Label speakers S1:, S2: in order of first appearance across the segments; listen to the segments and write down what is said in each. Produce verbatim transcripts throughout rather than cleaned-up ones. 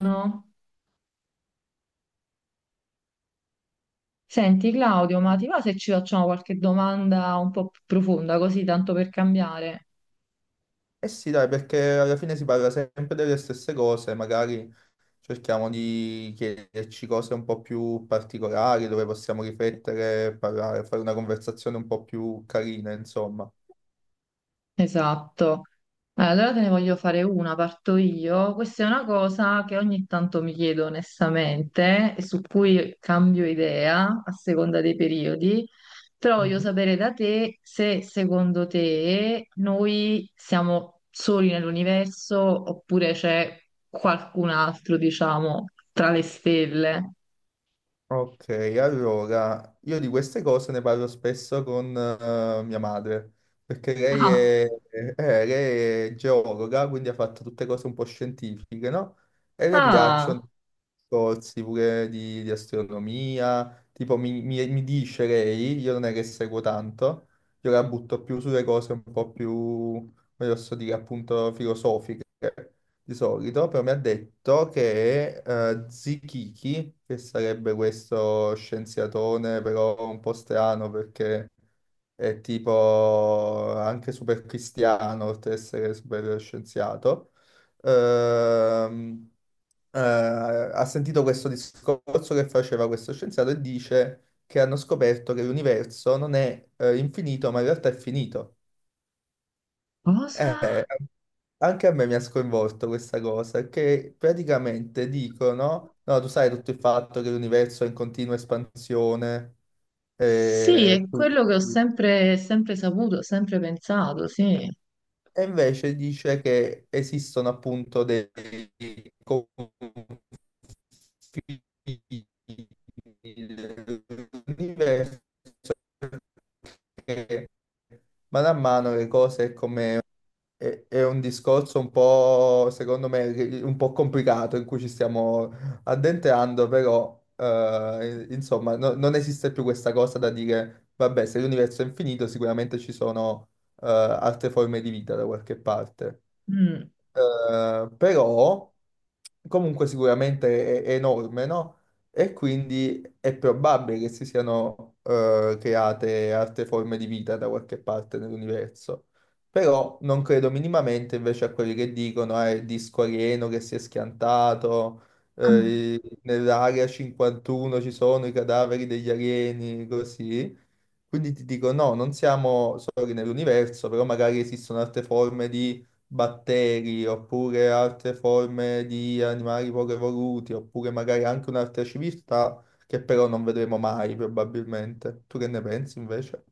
S1: No. Senti Claudio, ma ti va se ci facciamo qualche domanda un po' più profonda, così tanto per cambiare?
S2: Eh sì, dai, perché alla fine si parla sempre delle stesse cose, magari cerchiamo di chiederci cose un po' più particolari, dove possiamo riflettere, parlare, fare una conversazione un po' più carina, insomma.
S1: Esatto. Eh, Allora te ne voglio fare una, parto io. Questa è una cosa che ogni tanto mi chiedo onestamente e su cui cambio idea a seconda dei periodi, però voglio sapere da te se secondo te noi siamo soli nell'universo oppure c'è qualcun altro, diciamo, tra le stelle.
S2: Ok, allora io di queste cose ne parlo spesso con eh, mia madre, perché lei
S1: Ah.
S2: è, eh, lei è geologa, quindi ha fatto tutte cose un po' scientifiche, no? E le piacciono
S1: Ah,
S2: corsi pure di, di astronomia, tipo mi, mi- mi dice lei, io non è che seguo tanto, io la butto più sulle cose un po' più, come posso dire, appunto filosofiche di solito, però mi ha detto che eh, Zikiki, che sarebbe questo scienziatone però un po' strano perché è tipo anche super cristiano, oltre ad essere super scienziato, ehm, eh, ha sentito questo discorso che faceva questo scienziato e dice che hanno scoperto che l'universo non è eh, infinito, ma in realtà è finito.
S1: cosa?
S2: Eh, anche a me mi ha sconvolto questa cosa, che praticamente dicono, no, tu sai tutto il fatto che l'universo è in continua espansione,
S1: Sì,
S2: eh,
S1: è
S2: quindi-
S1: quello che ho sempre, sempre saputo, sempre pensato, sì.
S2: e invece dice che esistono appunto dei confini dell'universo che man mano le cose come È, è un discorso un po', secondo me, ri- un po' complicato in cui ci stiamo addentrando, però, eh, insomma, no- non esiste più questa cosa da dire, vabbè, se l'universo è infinito, sicuramente ci sono, eh, altre forme di vita da qualche parte.
S1: Mm.
S2: Eh, però comunque sicuramente è, è enorme, no? E quindi è probabile che si siano eh, create altre forme di vita da qualche parte nell'universo. Però non credo minimamente invece a quelli che dicono eh, il disco alieno che si è schiantato,
S1: Mm.
S2: eh, nell'area cinquantuno ci sono i cadaveri degli alieni, così. Quindi ti dico, no, non siamo soli nell'universo, però magari esistono altre forme di batteri, oppure altre forme di animali poco evoluti, oppure magari anche un'altra civiltà che però non vedremo mai probabilmente. Tu che ne pensi invece?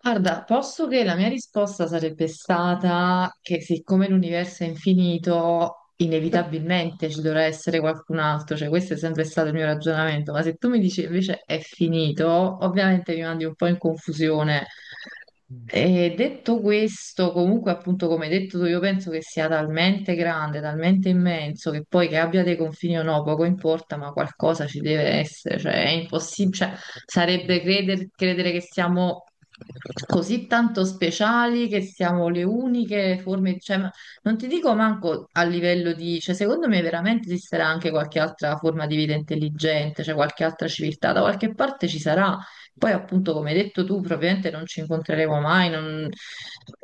S1: Guarda, posso che la mia risposta sarebbe stata che siccome l'universo è infinito, inevitabilmente ci dovrà essere qualcun altro, cioè questo è sempre stato il mio ragionamento, ma se tu mi dici invece è finito, ovviamente mi mandi un po' in confusione.
S2: Mm,
S1: E detto questo, comunque, appunto, come hai detto tu, io penso che sia talmente grande, talmente immenso che poi che abbia dei confini o no, poco importa, ma qualcosa ci deve essere, cioè è impossibile, cioè,
S2: mm.
S1: sarebbe creder- credere che siamo così tanto speciali, che siamo le uniche forme, cioè, ma- non ti dico manco a livello di, cioè, secondo me veramente esisterà anche qualche altra forma di vita intelligente, cioè qualche altra civiltà, da qualche parte ci sarà poi appunto, come hai detto tu, probabilmente non ci incontreremo mai, non-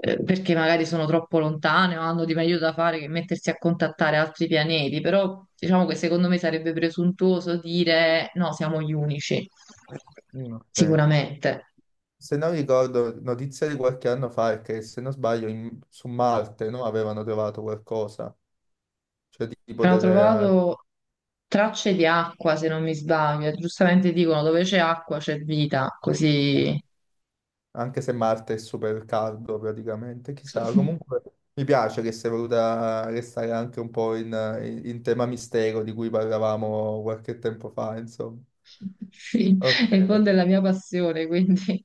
S1: eh, perché magari sono troppo lontane o hanno di meglio da fare che mettersi a contattare altri pianeti, però diciamo che secondo me sarebbe presuntuoso dire no, siamo gli unici,
S2: Mm, ok.
S1: sicuramente.
S2: Se non ricordo, notizia di qualche anno fa è che, se non sbaglio, in- su Marte, no, avevano trovato qualcosa, cioè tipo
S1: Però ho
S2: delle...
S1: trovato tracce di acqua, se non mi sbaglio, e giustamente dicono dove c'è acqua c'è vita, così...
S2: anche se Marte è super caldo praticamente, chissà. Comunque mi piace che sia voluta restare anche un po' in, in- in tema mistero di cui parlavamo qualche tempo fa, insomma.
S1: Sì,
S2: Ok,
S1: è il fondo della mia passione, quindi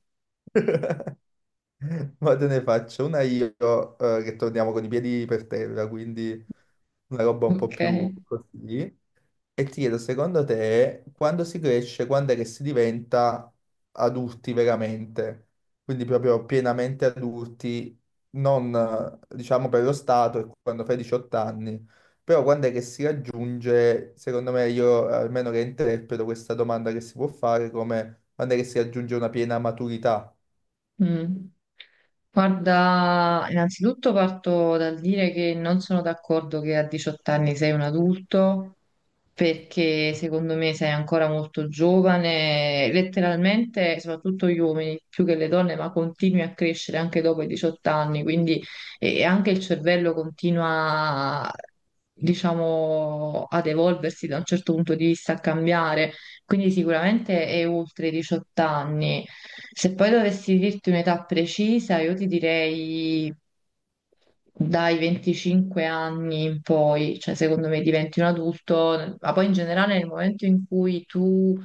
S2: ma te ne faccio una io eh, che torniamo con i piedi per terra, quindi una roba un po'
S1: ok.
S2: più così. E ti chiedo, secondo te, quando si cresce, quando è che si diventa adulti veramente? Quindi proprio pienamente adulti, non eh, diciamo per lo Stato, è quando fai diciotto anni, però quando è che si raggiunge, secondo me, io eh, almeno che interpreto questa domanda che si può fare come quando è che si raggiunge una piena maturità?
S1: Mm. Guarda, innanzitutto parto dal dire che non sono d'accordo che a diciotto anni sei un adulto, perché secondo me sei ancora molto giovane, letteralmente, soprattutto gli uomini più che le donne, ma continui a crescere anche dopo i diciotto anni, quindi e anche il cervello continua, diciamo, ad evolversi da un certo punto di vista, a cambiare. Quindi sicuramente è oltre i diciotto anni. Se poi dovessi dirti un'età precisa, io ti direi dai venticinque anni in poi, cioè secondo me diventi un adulto, ma poi in generale nel momento in cui tu,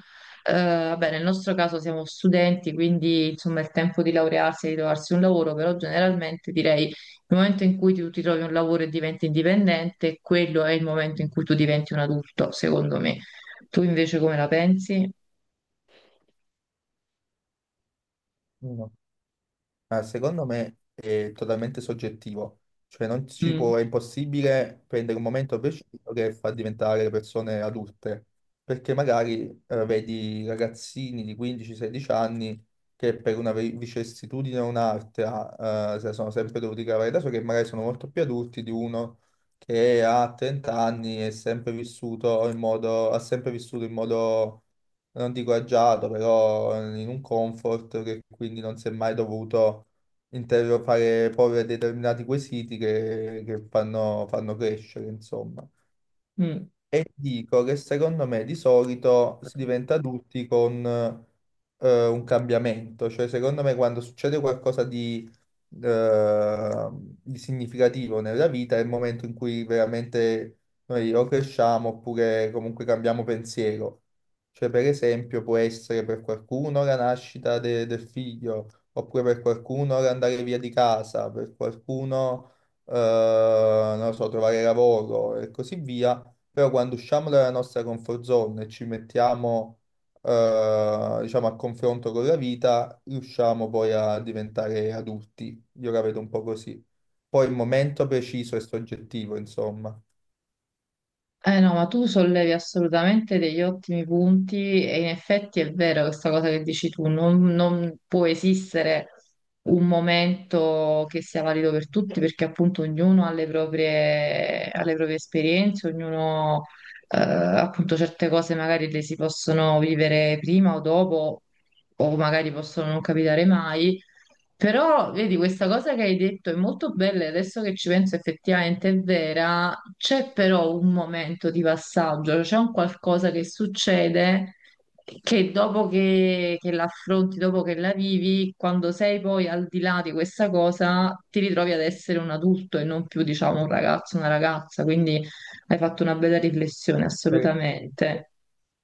S1: eh, vabbè, nel nostro caso siamo studenti, quindi insomma è il tempo di laurearsi e di trovarsi un lavoro, però generalmente direi il momento in cui tu ti trovi un lavoro e diventi indipendente, quello è il momento in cui tu diventi un adulto, secondo me. Tu invece come la pensi?
S2: Ma secondo me è totalmente soggettivo, cioè non ci
S1: Mm,
S2: può, è impossibile prendere un momento preciso che fa diventare le persone adulte, perché magari eh, vedi ragazzini di quindici sedici anni che per una vi- vicissitudine o un'altra eh, se la sono sempre dovuti cavare da soli, che magari sono molto più adulti di uno che ha trenta anni e è sempre vissuto in modo, ha sempre vissuto in modo non dico agiato, però in un comfort che quindi non si è mai dovuto interrogare porre determinati quesiti che, che fanno, fanno crescere, insomma.
S1: mm.
S2: E dico che secondo me di solito si diventa adulti con eh, un cambiamento, cioè secondo me quando succede qualcosa di, eh, di significativo nella vita è il momento in cui veramente noi o cresciamo oppure comunque cambiamo pensiero. Cioè per esempio può essere per qualcuno la nascita de- del figlio, oppure per qualcuno l'andare via di casa, per qualcuno eh, non lo so, trovare lavoro e così via. Però quando usciamo dalla nostra comfort zone e ci mettiamo, eh, diciamo, a confronto con la vita, riusciamo poi a diventare adulti. Io la vedo un po' così. Poi il momento preciso è soggettivo, insomma.
S1: Eh no, ma tu sollevi assolutamente degli ottimi punti e in effetti è vero questa cosa che dici tu, non, non può esistere un momento che sia valido per tutti perché appunto ognuno ha le proprie, ha le proprie esperienze, ognuno eh, appunto certe cose magari le si possono vivere prima o dopo o magari possono non capitare mai. Però, vedi, questa cosa che hai detto è molto bella, e adesso che ci penso effettivamente è vera, c'è però un momento di passaggio, c'è un qualcosa che succede che dopo che, che l'affronti, dopo che la vivi, quando sei poi al di là di questa cosa, ti ritrovi ad essere un adulto e non più, diciamo, un ragazzo, una ragazza, quindi hai fatto una bella riflessione,
S2: Eh.
S1: assolutamente.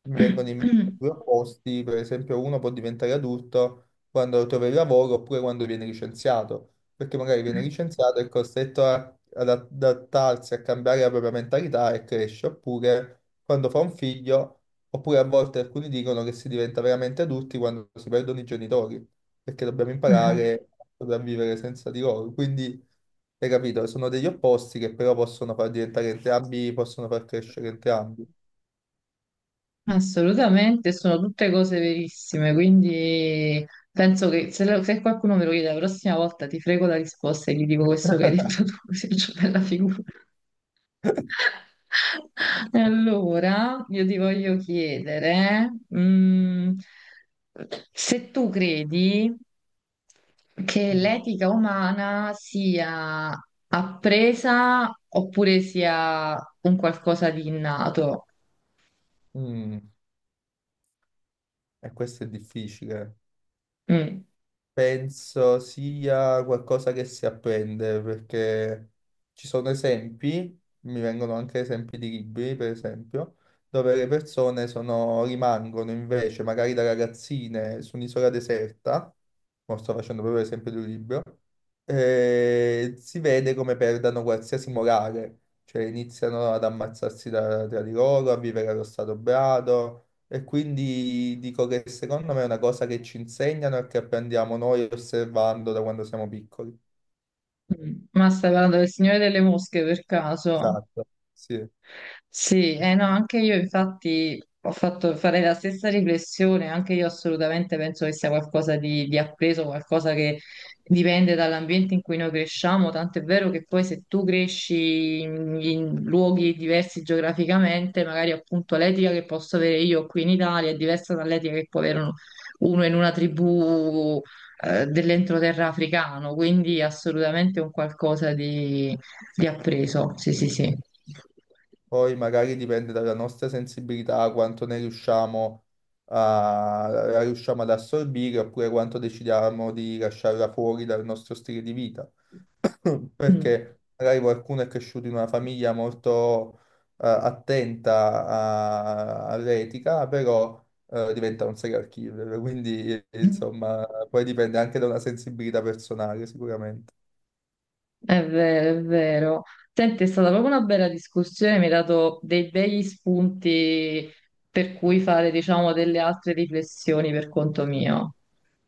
S2: Mi vengono in mente due opposti, per esempio uno può diventare adulto quando trova il lavoro oppure quando viene licenziato, perché magari viene licenziato e è costretto a- ad adattarsi, a cambiare la propria mentalità e cresce, oppure quando fa un figlio, oppure a volte alcuni dicono che si diventa veramente adulti quando si perdono i genitori, perché dobbiamo
S1: Ah.
S2: imparare a sopravvivere senza di loro. Quindi, hai capito, sono degli opposti che però possono far diventare entrambi, possono far crescere entrambi.
S1: Assolutamente, sono tutte cose verissime, quindi penso che se, lo- se qualcuno me lo chiede la prossima volta ti frego la risposta e gli dico questo che hai detto tu, così faccio bella figura. E allora io ti voglio chiedere, mm, se tu credi che l'etica umana sia appresa oppure sia un qualcosa di innato.
S2: Mm, e questo è difficile.
S1: Mm.
S2: Penso sia qualcosa che si apprende perché ci sono esempi, mi vengono anche esempi di libri, per esempio, dove le persone sono- rimangono invece, magari da ragazzine, su un'isola deserta, mo sto facendo proprio l'esempio di un libro, e si vede come perdano qualsiasi morale, cioè iniziano ad ammazzarsi da- tra di loro, a vivere allo stato brado. E quindi dico che secondo me è una cosa che ci insegnano e che apprendiamo noi osservando da quando siamo piccoli.
S1: Mm, ma stai parlando del Signore delle Mosche per caso?
S2: Esatto, sì.
S1: Sì, eh no, anche io infatti ho fatto fare la stessa riflessione, anche io assolutamente penso che sia qualcosa di, di appreso, qualcosa che dipende dall'ambiente in cui noi cresciamo, tanto è vero che poi se tu cresci in, in luoghi diversi geograficamente, magari appunto l'etica che posso avere io qui in Italia è diversa dall'etica che può avere uno, uno in una tribù eh, dell'entroterra africano, quindi assolutamente un qualcosa di di appreso, sì, sì, sì.
S2: Poi magari dipende dalla nostra sensibilità, quanto ne riusciamo a, la riusciamo ad assorbire oppure quanto decidiamo di lasciarla fuori dal nostro stile di vita.
S1: Mm.
S2: Perché magari qualcuno è cresciuto in una famiglia molto eh, attenta a- all'etica, però eh, diventa un serial killer, quindi eh, insomma poi dipende anche da una sensibilità personale sicuramente.
S1: È vero, è vero. Senti, è stata proprio una bella discussione, mi hai dato dei begli spunti per cui fare, diciamo, delle altre riflessioni per conto mio.